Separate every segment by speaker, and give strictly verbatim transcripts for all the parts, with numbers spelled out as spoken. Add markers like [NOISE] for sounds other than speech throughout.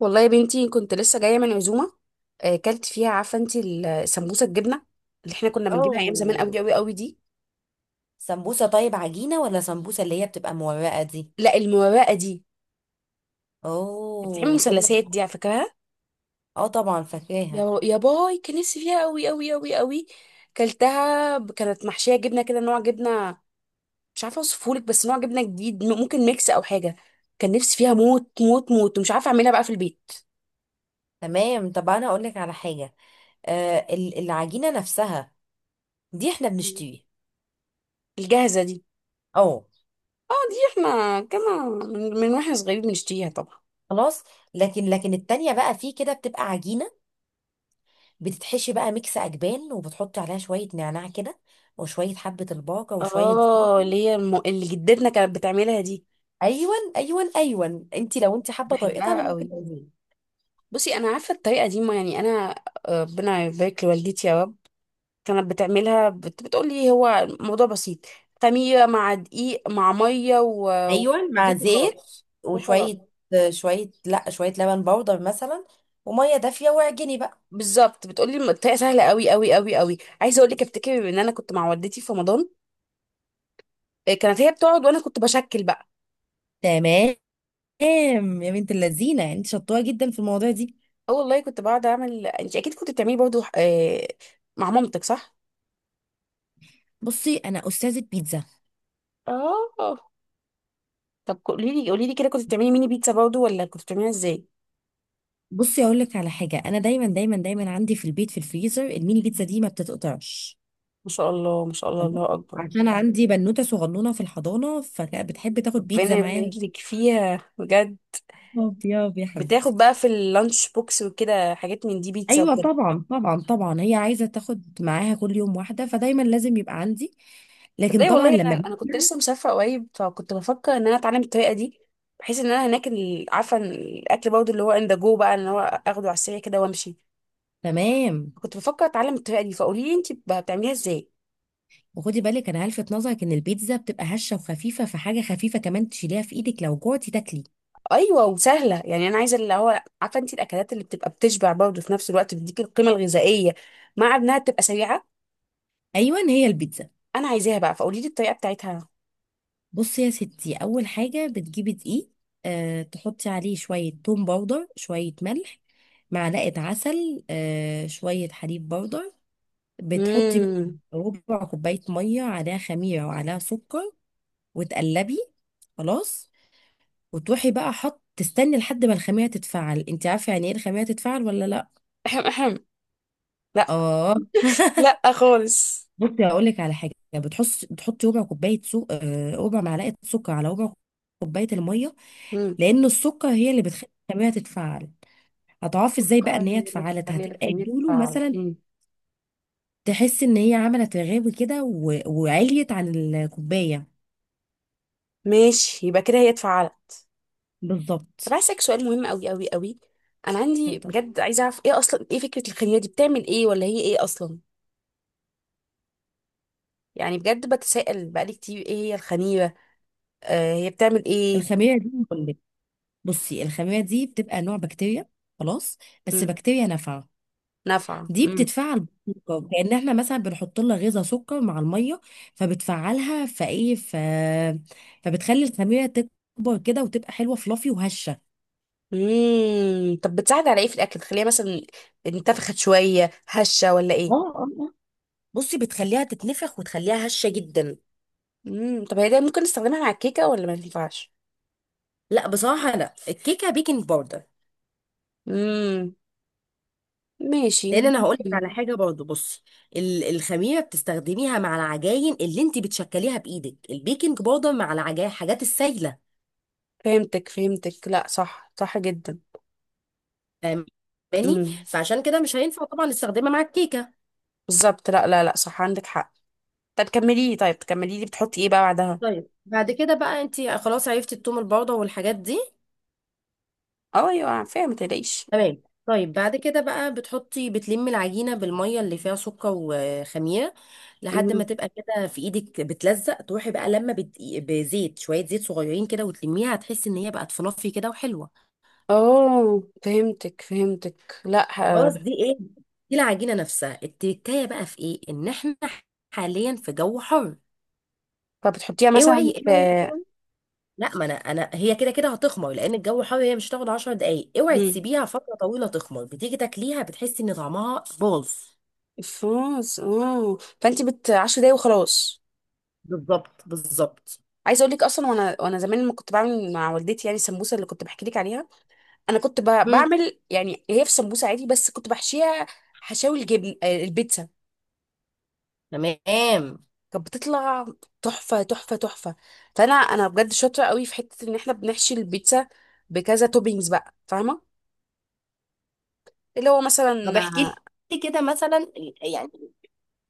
Speaker 1: والله يا بنتي كنت لسه جايه من عزومه. آه، كلت فيها، عارفه انت السمبوسه الجبنه اللي احنا كنا بنجيبها ايام زمان
Speaker 2: اوه.
Speaker 1: قوي قوي قوي دي؟
Speaker 2: سمبوسه طيب عجينه ولا سمبوسه اللي هي بتبقى مورقه دي؟
Speaker 1: لا، المرقه دي بتتعمل
Speaker 2: اوه حلوه.
Speaker 1: مثلثات، دي على فكرها.
Speaker 2: اه طبعا فاكراها.
Speaker 1: يا يا باي، كان نفسي فيها قوي قوي قوي قوي. كلتها ب- كانت محشيه جبنه كده، نوع جبنه مش عارفه اوصفهولك، بس نوع جبنه جديد، م- ممكن ميكس او حاجه. كان نفسي فيها موت موت موت، ومش عارفه اعملها بقى في البيت.
Speaker 2: تمام، طب انا اقول لك على حاجه. آه ال- العجينه نفسها دي احنا بنشتريها.
Speaker 1: الجاهزه دي؟
Speaker 2: اه
Speaker 1: اه دي. احنا كنا من من واحنا صغيرين بنشتريها طبعا.
Speaker 2: خلاص. لكن لكن التانية بقى في كده بتبقى عجينة، بتتحشي بقى ميكس أجبان، وبتحطي عليها شوية نعناع كده، وشوية حبة الباقة، وشوية
Speaker 1: اه،
Speaker 2: زعتر.
Speaker 1: اللي هي الم... اللي جدتنا كانت بتعملها دي
Speaker 2: أيون أيون أيون، أنت لو أنت حابة طريقتها أنا
Speaker 1: بحبها
Speaker 2: ممكن
Speaker 1: قوي.
Speaker 2: أقولها.
Speaker 1: بصي، انا عارفه الطريقه دي، ما يعني انا آه، ربنا يبارك لوالدتي يا رب، كانت بتعملها، بت... بتقول لي هو الموضوع بسيط: خميره مع دقيق مع ميه وزيت.
Speaker 2: ايوه مع زيت.
Speaker 1: وخلاص. وخلاص.
Speaker 2: وشويه، شويه لا، شويه لبن بودر مثلا، وميه دافيه واعجني بقى.
Speaker 1: بالظبط، بتقولي الطريقه سهله قوي قوي قوي قوي. عايزه اقول لك، افتكر ان انا كنت مع والدتي في رمضان، آه، كانت هي بتقعد وانا كنت بشكل بقى.
Speaker 2: تمام. يا بنت اللذينه انت شطوره جدا في المواضيع دي.
Speaker 1: اه والله كنت بقعد اعمل. انت اكيد كنت بتعملي برضه آه، مع مامتك، صح؟
Speaker 2: بصي انا استاذه بيتزا.
Speaker 1: اه. طب قولي لي، قولي لي كده، كنت بتعملي ميني بيتزا برضه ولا كنت بتعمليها ازاي؟
Speaker 2: بصي اقول لك على حاجه، انا دايما دايما دايما عندي في البيت في الفريزر الميني بيتزا دي ما بتتقطعش.
Speaker 1: ما شاء الله، ما شاء الله،
Speaker 2: تمام؟
Speaker 1: الله اكبر.
Speaker 2: عشان عارفه عندي بنوته صغنونه في الحضانه، فكانت بتحب تاخد
Speaker 1: ربنا
Speaker 2: بيتزا
Speaker 1: يبارك
Speaker 2: معاها.
Speaker 1: لك فيها بجد.
Speaker 2: يا يا
Speaker 1: بتاخد
Speaker 2: حبيبتي.
Speaker 1: بقى في اللانش بوكس وكده، حاجات من دي، بيتزا
Speaker 2: ايوه
Speaker 1: وكده.
Speaker 2: طبعا طبعا طبعا، هي عايزه تاخد معاها كل يوم واحده، فدايما لازم يبقى عندي. لكن
Speaker 1: تصدقي
Speaker 2: طبعا
Speaker 1: والله، انا
Speaker 2: لما
Speaker 1: انا كنت
Speaker 2: بيبقى-.
Speaker 1: لسه مسافره قريب، فكنت بفكر ان انا اتعلم الطريقه دي، بحيث ان انا هناك ال- عارفه إن الاكل برضه اللي هو ان ذا جو بقى، ان هو اخده على السريع كده وامشي.
Speaker 2: تمام.
Speaker 1: كنت بفكر اتعلم الطريقه دي، فقولي لي انت بتعمليها ازاي.
Speaker 2: وخدي بالك انا هلفت نظرك ان البيتزا بتبقى هشه وخفيفه، فحاجه خفيفه كمان تشيليها في ايدك لو جوعتي تاكلي.
Speaker 1: ايوه، وسهله يعني، انا عايزه اللي هو عارفه انت الاكلات اللي بتبقى بتشبع برضه، في نفس الوقت بتديك القيمه الغذائيه، مع انها بتبقى سريعه.
Speaker 2: ايوه هي البيتزا.
Speaker 1: انا عايزاها بقى، فقولي لي الطريقه بتاعتها.
Speaker 2: بصي يا ستي، اول حاجه بتجيبي دقيق، آه تحطي عليه شويه توم باودر، شويه ملح، معلقه عسل، آه شويه حليب باودر. بتحطي
Speaker 1: امم.
Speaker 2: ربع كوبايه ميه، عليها خميره وعليها سكر، وتقلبي. خلاص. وتروحي بقى حط تستني لحد ما الخميره تتفعل. انت عارفه يعني ايه الخميره تتفعل ولا لا؟
Speaker 1: احم احم. لا.
Speaker 2: اه. [LAUGHS]
Speaker 1: لا خالص.
Speaker 2: بصي هقول لك على حاجه، بتحط بتحطي ربع كوبايه سو... آه، ربع معلقه سكر على ربع كوبايه الميه.
Speaker 1: امم.
Speaker 2: لان السكر هي اللي بتخلي الخميره تتفعل. هتعرفي ازاي
Speaker 1: السكر
Speaker 2: بقى ان هي
Speaker 1: هي اللي
Speaker 2: اتفعلت؟
Speaker 1: بتخلي
Speaker 2: هتبقى
Speaker 1: الفرينة
Speaker 2: يدوله مثلا،
Speaker 1: تعجين.
Speaker 2: تحسي ان هي عملت رغاوي كده و... وعليت عن الكوبايه.
Speaker 1: ماشي، يبقى كده هي اتفعلت. طب
Speaker 2: بالظبط
Speaker 1: عايزه اسالك سؤال مهم قوي قوي قوي، انا عندي
Speaker 2: بالظبط.
Speaker 1: بجد عايزه اعرف، ايه اصلا، ايه فكره الخميره دي، بتعمل ايه، ولا هي ايه اصلا؟ يعني بجد بتسائل بقالي كتير، ايه هي الخميره، آه هي بتعمل ايه؟
Speaker 2: الخميره دي بقول لك، بصي الخميره دي بتبقى نوع بكتيريا، خلاص، بس بكتيريا نافعه.
Speaker 1: نافعة،
Speaker 2: دي
Speaker 1: امم.
Speaker 2: بتتفعل بالسكر، كأن احنا مثلا بنحط لها غيزة سكر مع المية، فبتفعلها فايه ف... فبتخلي الخميرة تكبر كده وتبقى حلوة فلافي وهشة.
Speaker 1: امم. طب بتساعد على ايه في الاكل، تخليها مثلا انتفخت شوية، هشة، ولا
Speaker 2: اه
Speaker 1: ايه؟
Speaker 2: اه. آه، بصي بتخليها تتنفخ وتخليها هشة جدا.
Speaker 1: امم. طب هي ده ممكن نستخدمها مع الكيكة ولا ما ينفعش؟
Speaker 2: لا بصراحة لا، الكيكة بيكنج باودر.
Speaker 1: امم. ماشي،
Speaker 2: لان انا هقول لك
Speaker 1: ممكن.
Speaker 2: على حاجة برضو، بصي ال- الخميرة بتستخدميها مع العجاين اللي انت بتشكليها بايدك، البيكنج باودر مع العجاين حاجات السايلة.
Speaker 1: فهمتك فهمتك، لا صح، صح جدا.
Speaker 2: فاهماني؟
Speaker 1: امم.
Speaker 2: فعشان كده مش هينفع طبعا نستخدمها مع الكيكة.
Speaker 1: بالظبط، لا لا لا، صح، عندك حق. طب كملي لي، طيب كملي لي، بتحطي ايه بقى بعدها؟
Speaker 2: طيب بعد كده بقى انت خلاص عرفتي التوم البودرة والحاجات دي.
Speaker 1: اه ايوه، فاهمة، ما تقلقيش.
Speaker 2: تمام، طيب بعد كده بقى بتحطي، بتلمي العجينة بالمية اللي فيها سكر وخميرة، لحد ما
Speaker 1: امم.
Speaker 2: تبقى كده في ايدك بتلزق، تروحي بقى لما بت... بزيت شوية زيت صغيرين كده وتلميها، هتحسي ان هي بقت فluffy كده وحلوة.
Speaker 1: اه فهمتك فهمتك، لا
Speaker 2: خلاص.
Speaker 1: ه-
Speaker 2: دي ايه؟ دي العجينة نفسها التركاية. بقى في ايه ان احنا حاليا في جو حر؟
Speaker 1: طب بتحطيها
Speaker 2: اوعي
Speaker 1: مثلا في…
Speaker 2: اوعي. لا، ما انا انا هي كده كده هتخمر لان الجو حار، هي مش هتاخد 10 دقايق. اوعي
Speaker 1: مم.
Speaker 2: تسيبيها فتره طويله تخمر، بتيجي تاكليها بتحسي ان طعمها باظ.
Speaker 1: الفاظ، اه، فانت بت 10 دقايق وخلاص.
Speaker 2: بالظبط بالظبط.
Speaker 1: عايزه اقول لك اصلا، وانا وانا زمان لما كنت بعمل مع والدتي، يعني السمبوسه اللي كنت بحكي لك عليها، انا كنت ب...
Speaker 2: مم.
Speaker 1: بعمل يعني، هي في سمبوسه عادي، بس كنت بحشيها حشاوي الجبن، آه، البيتزا.
Speaker 2: تمام.
Speaker 1: كانت بتطلع تحفه تحفه تحفه. فانا انا بجد شاطره قوي في حته ان احنا بنحشي البيتزا بكذا توبينجز بقى، فاهمه؟ اللي هو
Speaker 2: طب
Speaker 1: مثلا
Speaker 2: احكي لي كده مثلا يعني.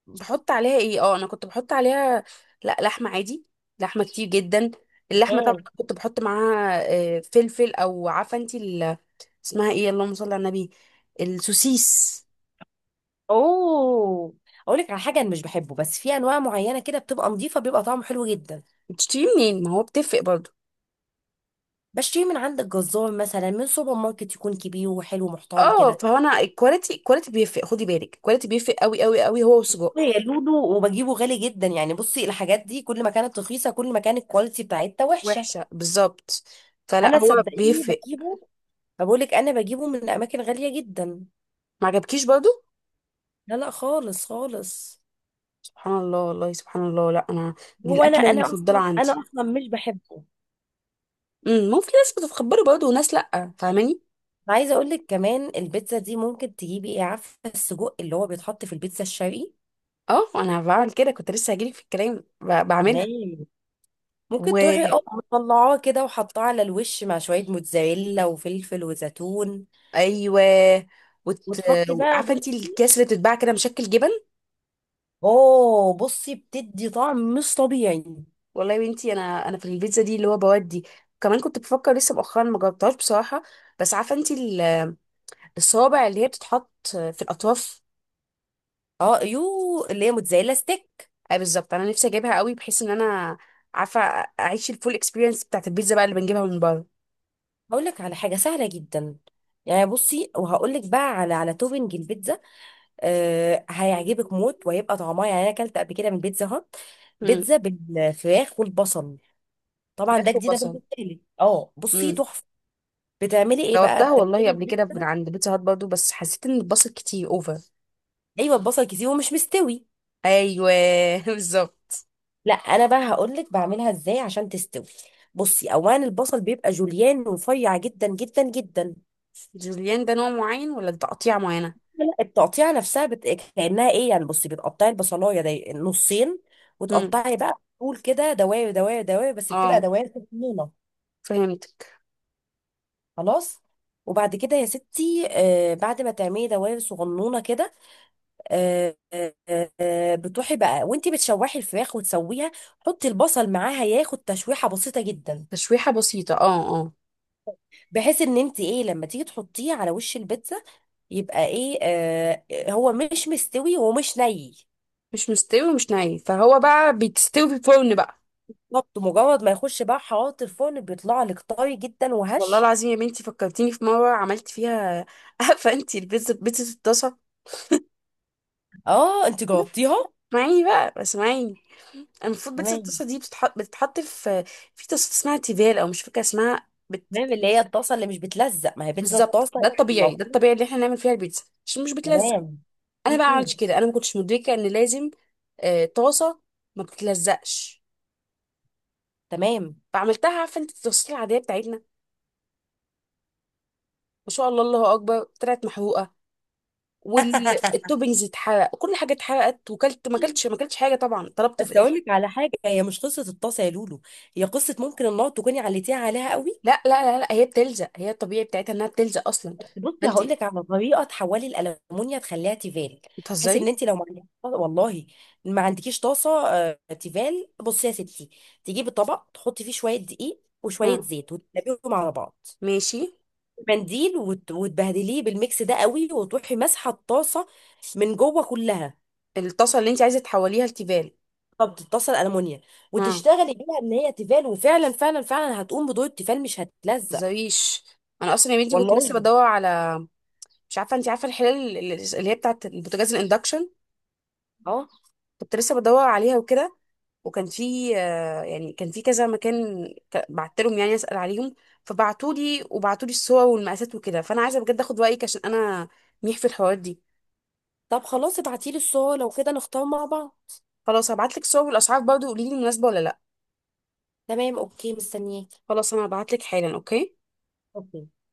Speaker 1: بحط عليها ايه، اه، انا كنت بحط عليها لا لحمه عادي، لحمه كتير جدا. اللحمه طبعا
Speaker 2: تمام.
Speaker 1: كنت بحط معاها آه، فلفل، او عارفه انت ال- اسمها ايه، اللهم صل على النبي، السوسيس.
Speaker 2: اوه، اقول لك على حاجه، انا مش بحبه، بس في انواع معينه كده بتبقى نظيفه بيبقى طعمه حلو جدا.
Speaker 1: بتشتري منين، ما هو بتفرق برضه؟
Speaker 2: بشتري من عند الجزار مثلا، من سوبر ماركت يكون كبير وحلو محترم
Speaker 1: اه،
Speaker 2: كده.
Speaker 1: فهو انا الكواليتي، الكواليتي بيفرق، خدي بالك الكواليتي بيفرق قوي قوي قوي، هو والسجق.
Speaker 2: هي لودو. وبجيبه غالي جدا يعني. بصي الحاجات دي كل ما كانت رخيصه كل ما كانت الكواليتي بتاعتها وحشه.
Speaker 1: وحشه، بالظبط. فلا،
Speaker 2: انا
Speaker 1: هو
Speaker 2: صدقيني
Speaker 1: بيفرق.
Speaker 2: بجيبه، بقول لك انا بجيبه من اماكن غاليه جدا.
Speaker 1: ما عجبكيش برضه؟
Speaker 2: لا لا خالص خالص.
Speaker 1: سبحان الله، والله سبحان الله. لا انا دي
Speaker 2: هو انا
Speaker 1: الاكله
Speaker 2: انا
Speaker 1: المفضله
Speaker 2: اصلا
Speaker 1: عندي.
Speaker 2: انا اصلا مش بحبه.
Speaker 1: امم. ممكن ناس بتتخبري برضه وناس لا، فاهماني؟
Speaker 2: أنا عايزه اقول لك كمان، البيتزا دي ممكن تجيبي ايه، عارفه السجق اللي هو بيتحط في البيتزا الشرقي.
Speaker 1: اه، انا بعمل كده، كنت لسه هجيلك في الكلام، ب- بعملها.
Speaker 2: تمام، ممكن
Speaker 1: و،
Speaker 2: تروحي اه مطلعاه كده وحطاه على الوش مع شويه موتزاريلا وفلفل وزيتون.
Speaker 1: ايوه. وت...
Speaker 2: وتحطي بقى
Speaker 1: عارفه انت
Speaker 2: بصي.
Speaker 1: الكيس اللي بتتباع كده مشكل جبن؟
Speaker 2: اوه، بصي بتدي طعم مش طبيعي.
Speaker 1: والله يا بنتي، انا انا في البيتزا دي اللي هو بودي، كمان كنت بفكر لسه مؤخرا، ما جربتهاش بصراحه، بس عارفه انت ال- الصوابع اللي هي بتتحط في الاطراف.
Speaker 2: اه يو، اللي هي موتزاريلا ستيك.
Speaker 1: اي بالظبط، انا نفسي اجيبها قوي، بحيث ان انا عارفه اعيش الفول اكسبيرينس بتاعت البيتزا بقى، اللي بنجيبها من بره.
Speaker 2: هقول لك على حاجه سهله جدا يعني. بصي وهقول لك بقى على على توبنج البيتزا، أه هيعجبك موت، وهيبقى طعمها يعني، انا اكلت قبل كده من بيتزا هات،
Speaker 1: امم.
Speaker 2: بيتزا بالفراخ والبصل. طبعا ده
Speaker 1: فراخ
Speaker 2: جديده
Speaker 1: وبصل.
Speaker 2: بالنسبه لي، اه بصي
Speaker 1: امم.
Speaker 2: تحفه. بتعملي ايه بقى
Speaker 1: جربتها والله
Speaker 2: بتعملي
Speaker 1: قبل كده من
Speaker 2: البيتزا؟
Speaker 1: عند بيتزا هات برضه، بس حسيت ان البصل كتير اوفر.
Speaker 2: ايوه البصل كتير ومش مستوي.
Speaker 1: ايوه. [LAUGHS] بالظبط.
Speaker 2: لا انا بقى هقول لك بعملها ازاي عشان تستوي. بصي، اولا البصل بيبقى جوليان ورفيع جدا جدا جدا.
Speaker 1: جوليان ده نوع معين ولا ده تقطيع معينه؟
Speaker 2: لا، التقطيعه نفسها بت... كانها ايه يعني، بصي بتقطعي البصلايه دي نصين،
Speaker 1: امم.
Speaker 2: وتقطعي بقى طول كده دواير دواير دواير، بس بتبقى
Speaker 1: اه.
Speaker 2: دواير صغنونه.
Speaker 1: فهمتك.
Speaker 2: خلاص. وبعد كده يا ستي، آه بعد ما تعملي دواير صغنونه كده، آه آه آه بتروحي بقى وانتي بتشوحي الفراخ وتسويها. حطي البصل معاها ياخد تشويحه بسيطه جدا،
Speaker 1: تشويحه بسيطه، اه اه.
Speaker 2: بحيث ان انت ايه لما تيجي تحطيه على وش البيتزا يبقى ايه آه هو مش مستوي ومش ني.
Speaker 1: مش مستوي ومش ني، فهو بقى بتستوي في الفرن بقى.
Speaker 2: بالظبط، مجرد ما يخش بقى حرارة الفرن بيطلع لك طري جدا
Speaker 1: والله
Speaker 2: وهش.
Speaker 1: العظيم يا بنتي، فكرتيني في مره عملت فيها، [LAUGHS] عارفه انت البيتزا، بيتزا الطاسه.
Speaker 2: اه انت جربتيها؟
Speaker 1: اسمعيني بقى، اسمعيني. المفروض بيتزا
Speaker 2: تمام.
Speaker 1: الطاسه دي بتتحط بتتحط في في طاسه اسمها تيفال، او مش فاكره اسمها بت...
Speaker 2: تمام، اللي هي الطاسة اللي مش بتلزق، ما هي بيتزا
Speaker 1: بالظبط،
Speaker 2: الطاسة
Speaker 1: ده
Speaker 2: يعني
Speaker 1: الطبيعي، ده
Speaker 2: المفروض.
Speaker 1: الطبيعي اللي احنا نعمل فيها البيتزا عشان مش بتلزق.
Speaker 2: تمام.
Speaker 1: انا بقى
Speaker 2: مم.
Speaker 1: عملتش كده، انا ما كنتش مدركه ان لازم آه، طاسه ما بتتلزقش.
Speaker 2: تمام.
Speaker 1: فعملتها عارفه انت التفاصيل العاديه بتاعتنا، ما شاء الله الله اكبر، طلعت محروقه،
Speaker 2: [LAUGHS]
Speaker 1: والتوبنجز اتحرق، كل حاجه اتحرقت، وكلت ما كلتش ما كلتش حاجه طبعا، طلبت في
Speaker 2: بس اقول
Speaker 1: الاخر.
Speaker 2: لك على حاجة، هي مش قصة الطاسة يا لولو، هي قصة ممكن النار تكوني عليتيها عليها قوي.
Speaker 1: لا لا. لا, لا، هي بتلزق، هي الطبيعي بتاعتها انها بتلزق اصلا.
Speaker 2: بصي
Speaker 1: فانت
Speaker 2: هقول لك على طريقه تحولي الالومنيا تخليها تيفال، بحيث
Speaker 1: بتهزري.
Speaker 2: ان انت لو ما عندكيش والله، ما عندكيش طاسه آه، تيفال. بصي يا ستي، تجيبي طبق تحطي فيه شويه دقيق
Speaker 1: ها.
Speaker 2: وشويه زيت وتقلبيهم على بعض،
Speaker 1: ماشي.
Speaker 2: منديل وت... وتبهدليه بالميكس ده قوي، وتروحي ماسحه الطاسه من جوه كلها.
Speaker 1: الطاسه اللي انت عايزه تحوليها لتيفال؟
Speaker 2: طب الطاسه الالومنيا
Speaker 1: ها، ما
Speaker 2: وتشتغلي بيها ان هي تيفال، وفعلا فعلا فعلا هتقوم بدور التيفال مش هتلزق.
Speaker 1: تهزريش. انا اصلا يا بنتي كنت لسه
Speaker 2: والله.
Speaker 1: بدور على، مش عارفه انت عارفه الحلال اللي اللي هي بتاعت البوتاجاز، الاندكشن.
Speaker 2: اه،
Speaker 1: كنت لسه بدور عليها وكده، وكان في آه، يعني كان في كذا مكان، ك- بعت لهم يعني اسال عليهم، فبعتوا لي وبعتوا لي الصور والمقاسات وكده، فانا عايزه بجد اخد رايك عشان انا ميح في الحوارات دي.
Speaker 2: طب خلاص ابعتيلي الصور لو كده نختار مع بعض.
Speaker 1: خلاص هبعت لك الصور والاسعار، برضه قولي لي مناسبه ولا لا.
Speaker 2: تمام اوكي، مستنياك.
Speaker 1: خلاص انا هبعت لك حالا، اوكي.
Speaker 2: ترجمة نانسي قنقر.